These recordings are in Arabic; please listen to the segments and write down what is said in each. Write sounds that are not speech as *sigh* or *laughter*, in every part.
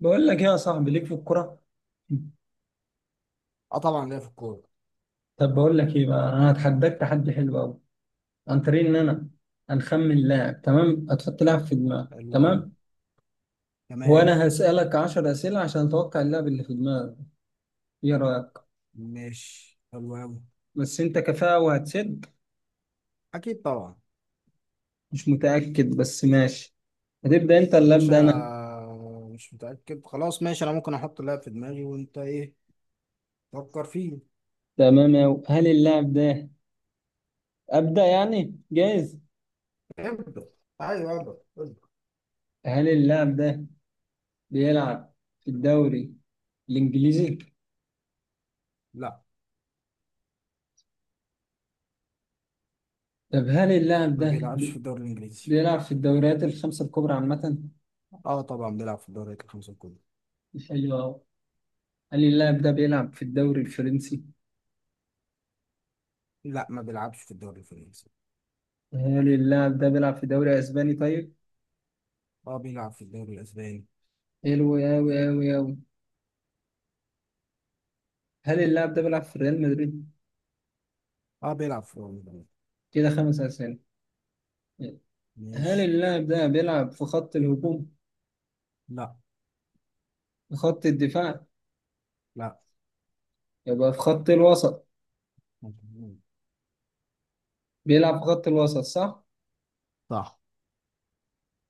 بقول لك ايه يا صاحبي، ليك في الكرة؟ اه طبعا ليا في الكورة. طب بقول لك ايه بقى، انا هتحداك تحدي حلو قوي، عن طريق ان انا هنخمن لاعب. تمام؟ هتحط لاعب في دماغك، حلو أوي. تمام، تمام. وانا هسألك 10 أسئلة عشان اتوقع اللاعب اللي في دماغك. ايه رأيك؟ ماشي حلو أوي. بس انت كفاءة وهتسد؟ أكيد طبعا. مش متأكد بس ماشي. هتبدأ انت يا ولا باشا، أبدأ انا؟ مش متأكد خلاص ماشي، أنا ممكن أحط لاعب في دماغي وأنت إيه؟ فكر فيه. تمام أوي. هل اللاعب ده، أبدأ يعني، جايز؟ ابدأ، أيوه ابدأ ابدأ. هل اللاعب ده بيلعب في الدوري الإنجليزي؟ لا. طب هل اللاعب ما ده بيلعبش في الدوري الإنجليزي. بيلعب في الدوريات الخمسة الكبرى عامة؟ اه طبعا بيلعب في الدوري الخمسة الكبرى. حلو أوي. هل اللاعب ده بيلعب في الدوري الفرنسي؟ لا ما بيلعبش في الدوري الفرنسي. هل اللاعب ده بيلعب في دوري أسباني طيب؟ اه بيلعب في الدوري الأسباني. حلو أوي أوي أوي. هل اللاعب ده بيلعب في ريال مدريد؟ اه بيلعب في روما. كده خمس أسئلة. هل ماشي. اللاعب ده بيلعب في خط الهجوم؟ لا. في خط الدفاع؟ لا. يبقى في خط الوسط. مظبوط. بيلعب في خط الوسط، صح؟ صح.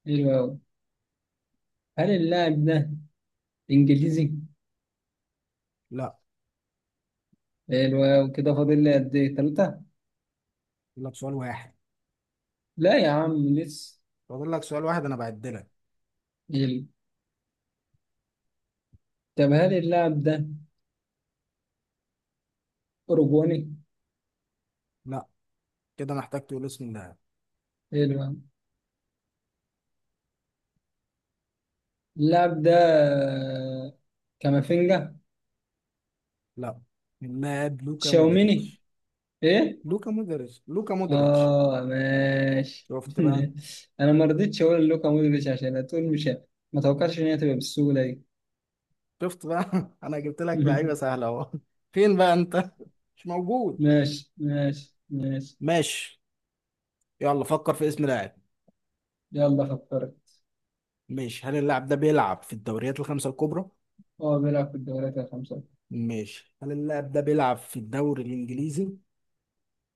حلو أوي. هل اللاعب ده إنجليزي؟ لا. حلو أوي. كده فاضل لي قد إيه، تلاتة؟ فاضل لك سؤال واحد. لا يا عم، لسه. فاضل لك سؤال واحد، أنا بعدلك. حلو. طب هل اللاعب ده أوروجواني؟ لا كده محتاج تقول اسم اللاعب. حلو. اللاعب ده كامافينجا. لا، اللاعب لوكا شاوميني. مودريتش. ايه؟ لوكا مودريتش لوكا مودريتش. اه ماشي. شفت *laughs* بقى. انا ما رضيتش اقول لوكا مودريتش عشان هتقول مش ما توقعش ان هي تبقى بالسهوله دي. شفت بقى. *laughs* انا جبت لك لعيبه *laughs* سهله اهو. فين بقى انت؟ مش موجود. ماشي ماشي ماشي. ماشي. يلا فكر في اسم لاعب. يلا فكرت. ماشي، هل اللاعب ده بيلعب في الدوريات الخمسه الكبرى؟ اه بيلعب في الدوريات الخمسه. ماشي، هل اللاعب ده بيلعب في الدوري الانجليزي؟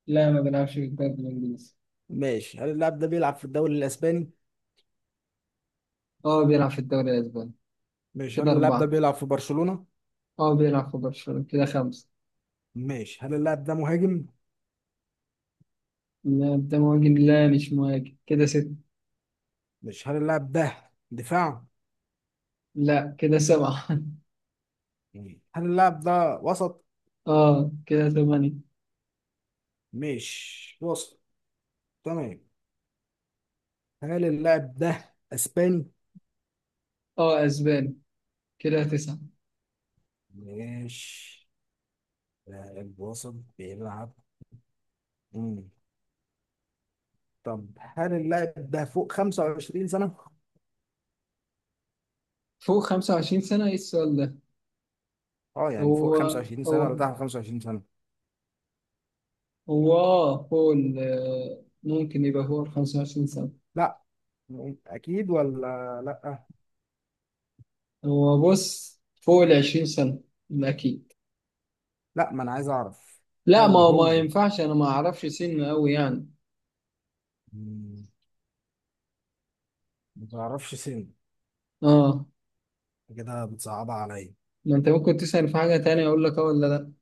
لا ما بيلعبش في الدوري الانجليزي. ماشي، هل اللاعب ده بيلعب في الدوري الاسباني؟ اه بيلعب في الدوري الاسباني. ماشي، كده هل اللاعب ده اربعه. بيلعب في برشلونه؟ اه بيلعب في برشلونه، كده خمسه. ماشي، هل اللاعب ده مهاجم؟ لا ده مهاجم، لا مش مهاجم، كده ست. ماشي، هل اللاعب ده دفاع؟ لا كده سبعه. *laughs* مم. هل اللاعب ده وسط؟ اه كده ثمانية. مش وسط. تمام. هل اللاعب ده اسباني؟ اه اسبان، كده تسعة. مش لاعب وسط بيلعب. مم. طب هل اللاعب ده فوق 25 سنة؟ فوق خمسة وعشرين سنة، ايه السؤال ده؟ اه يعني فوق هو 25 هو سنة ولا تحت 25 سنة؟ هو اه فوق ال ممكن يبقى فوق الخمسة وعشرين سنة. لا، اكيد ولا لا؟ هو بص فوق العشرين سنة، ده اكيد. لا ما انا عايز اعرف. لا ما هل هو ما هو ينفعش انا ما اعرفش سن قوي يعني. مم، ما تعرفش سن؟ اه كده بتصعبها عليا. ما انت ممكن تسأل في حاجة تانية، اقول لك اه ولا لا.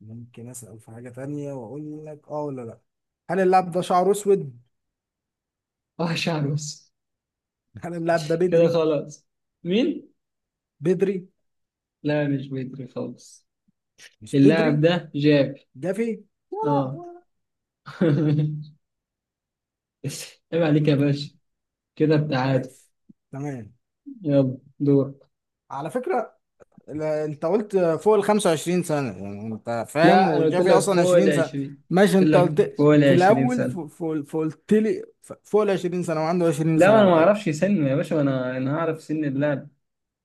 ممكن اسأل في حاجة تانية واقول لك اه ولا لا؟ هل اللاعب ده شعره اسود؟ *laughs* اه شعر بس. احنا اللاعب ده كده بدري. خلاص. مين؟ بدري. لا مش بدري خالص. مش اللاعب بدري. ده جاب. جافي اه. ولا؟ *laughs* عيب عليك يا باشا، كده بتاعت. ماشي. تمام. يلا دور. على فكرة، انت قلت فوق ال 25 سنة يعني انت فاهم، لا انا قلت وجافي لك اصلا فوق ال 20 سنة. 20، ماشي قلت انت لك قلت فوق ال في 20 الاول سنة. قلت لي فوق ال 20 سنة، وعنده 20 لا ما سنة انا ما بقى. اعرفش سن يا باشا، انا هعرف سن اللاعب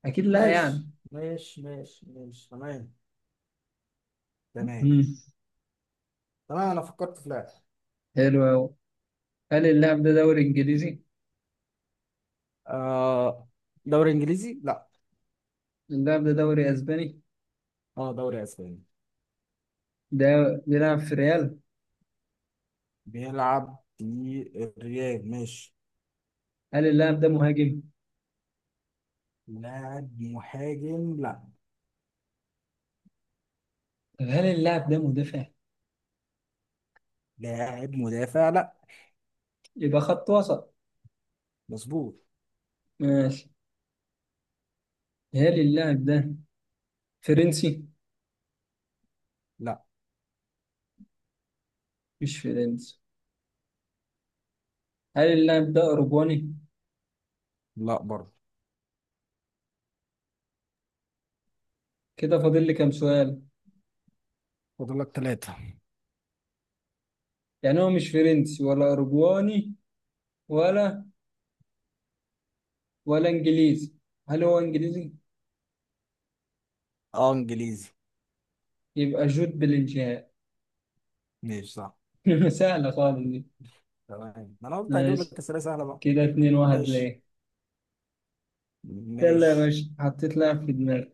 اكيد، لا ماشي يعني. ماشي ماشي ماشي. تمام. تمام. امم تمام، انا فكرت في لاعب. حلو قوي. هل اللاعب ده دوري انجليزي؟ آه، دوري انجليزي لا. اللاعب ده دوري اسباني. اه دوري اسباني. ده بيلعب في ريال. بيلعب في الريال. ماشي. هل اللاعب ده مهاجم؟ لاعب مهاجم لا. طب هل اللاعب ده مدافع؟ لاعب مدافع لا. يبقى خط وسط. مظبوط. ماشي. هل اللاعب ده فرنسي؟ لا. مش فرنسي. هل اللاعب ده اوروباني؟ لا برضه. كده فاضل لي كام سؤال؟ فاضل لك ثلاثة. يعني هو مش فرنسي ولا أوروجواني ولا ولا إنجليزي؟ هل هو إنجليزي؟ اه انجليزي. يبقى جود بلينجهام. ماشي صح. *laughs* سهلة خالص دي. تمام، ما انا قلت هجيب لك ماشي، اسئله سهله بقى. كده اتنين واحد ماشي. ليه. يلا يا ماشي. باشا حطيت لاعب في دماغي.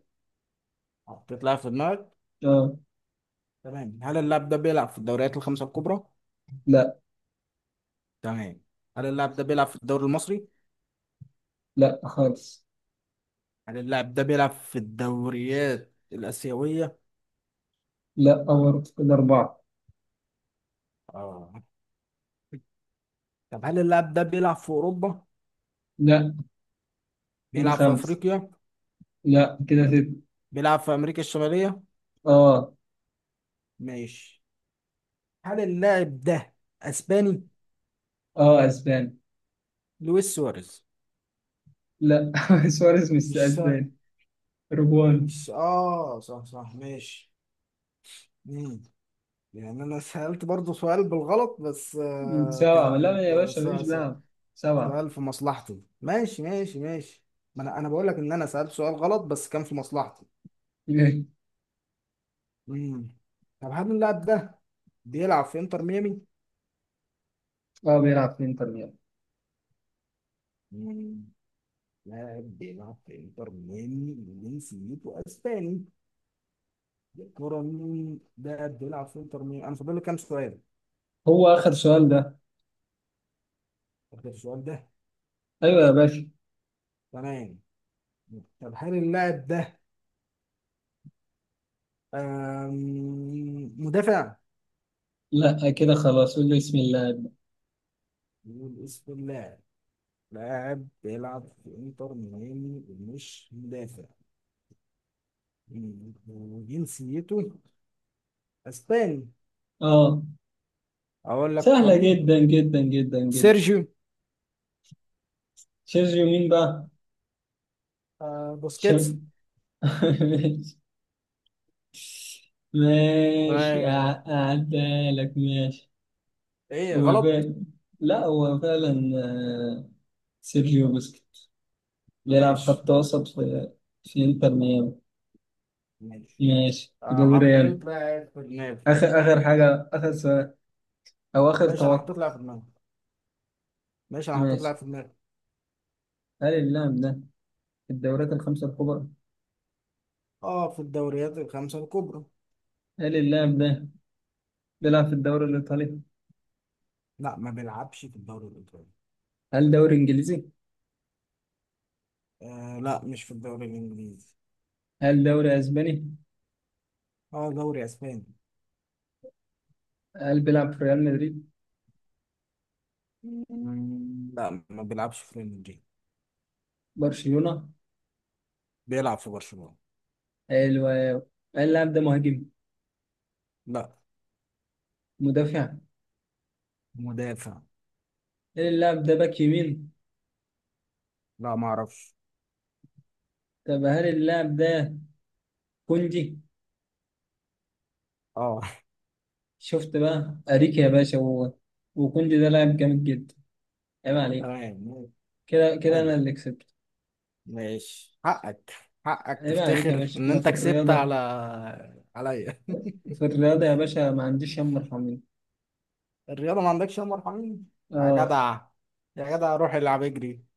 حطيت لاعب في دماغك؟ اه. تمام، هل اللاعب ده بيلعب في الدوريات الخمسه الكبرى؟ لا. تمام، هل اللاعب ده بيلعب في الدوري المصري؟ لا خالص. هل اللاعب ده بيلعب في الدوريات الاسيويه؟ لا أور، كده أربعة. اه. طب هل اللاعب ده بيلعب في اوروبا؟ لا كده بيلعب في خمسة. افريقيا؟ لا كده ستة. بيلعب في امريكا الشماليه؟ اه. ماشي. هل اللاعب ده اسباني؟ اه أسباني. لويس سواريز. لا. *laughs* سواريز مش مش سهل. أسباني، أوروجواني. مش اه، صح صح ماشي. مم. يعني انا سألت برضو سؤال بالغلط بس سبعة، لا كان يا باشا ماليش لاعب. سبعة. سؤال في مصلحتي. ماشي ماشي ماشي، ما انا بقول لك ان انا سألت سؤال غلط بس كان في مصلحتي. *laughs* مم. طب هل اللاعب ده بيلعب في انتر ميامي؟ اه بيلعب في انتر ميامي. مم. لاعب بيلعب في انتر ميامي وجنسيته اسباني؟ كرة مين ده؟ قد يلعب سنتر مين؟ انا فاضل لي كام سؤال؟ هو آخر سؤال ده؟ فاضل السؤال ده. أيوة يا باشا. تمام. طب هل اللاعب ده مدافع؟ لا كده خلاص، قول له بسم الله أبدأ. نقول اسم اللاعب؟ لاعب بيلعب في انتر ميامي ومش مدافع. مم. وجنسيته اسباني؟ آه. اقول لك هو سهلة مين؟ جدا جدا جدا جدا. سيرجيو، سيرجيو مين بقى؟ آه، بوسكيتس. شم... *laughs* ماشي ماشي. تمام. أعدها لك، ماشي. ايه هو غلط؟ فعلا، لا هو فعلا سيرجيو بوسكيت بيلعب ماشي. خط وسط في انتر ميامي. ماشي. ماشي. كده آه، ريال، حطيت لاعب في دماغي. آخر آخر حاجة، آخر سؤال، أو آخر ماشي انا توقع. حطيت لاعب في دماغي. ماشي انا حطيت ماشي. لاعب في دماغي. هل اللاعب ده في الدوريات الخمسة الكبرى؟ اه في الدوريات الخمسة الكبرى. هل اللاعب ده بيلعب في الدوري الإيطالي؟ لا ما بيلعبش في الدوري الإيطالي. هل دوري إنجليزي؟ آه لا، مش في الدوري الإنجليزي. هل دوري أسباني؟ اه دوري أسباني. هل بيلعب في ريال مدريد؟ مم، لا ما بيلعبش في ريال مدريد. برشلونة؟ بيلعب في برشلونة. حلو أوي. هل اللاعب ده مهاجم؟ لا. مدافع؟ مدافع. هل اللاعب ده باك يمين؟ لا ما اعرفش. طب هل اللاعب ده كوندي؟ اه. شفت بقى أريكي يا باشا، وهو وكوندي ده لاعب جامد جدا، عيب *laughs* عليك. تمام. كده كده حلو. أنا اللي كسبت. ماشي، حقك. حقك عيب عليك يا تفتخر باشا، ان أنا في انت كسبت الرياضة، على عليا. *laughs* في الرياضة يا باشا ما عنديش هم مرحمين. الرياضة ما عندكش يا مرحمين. يا جدع. يا جدع روح العب اجري.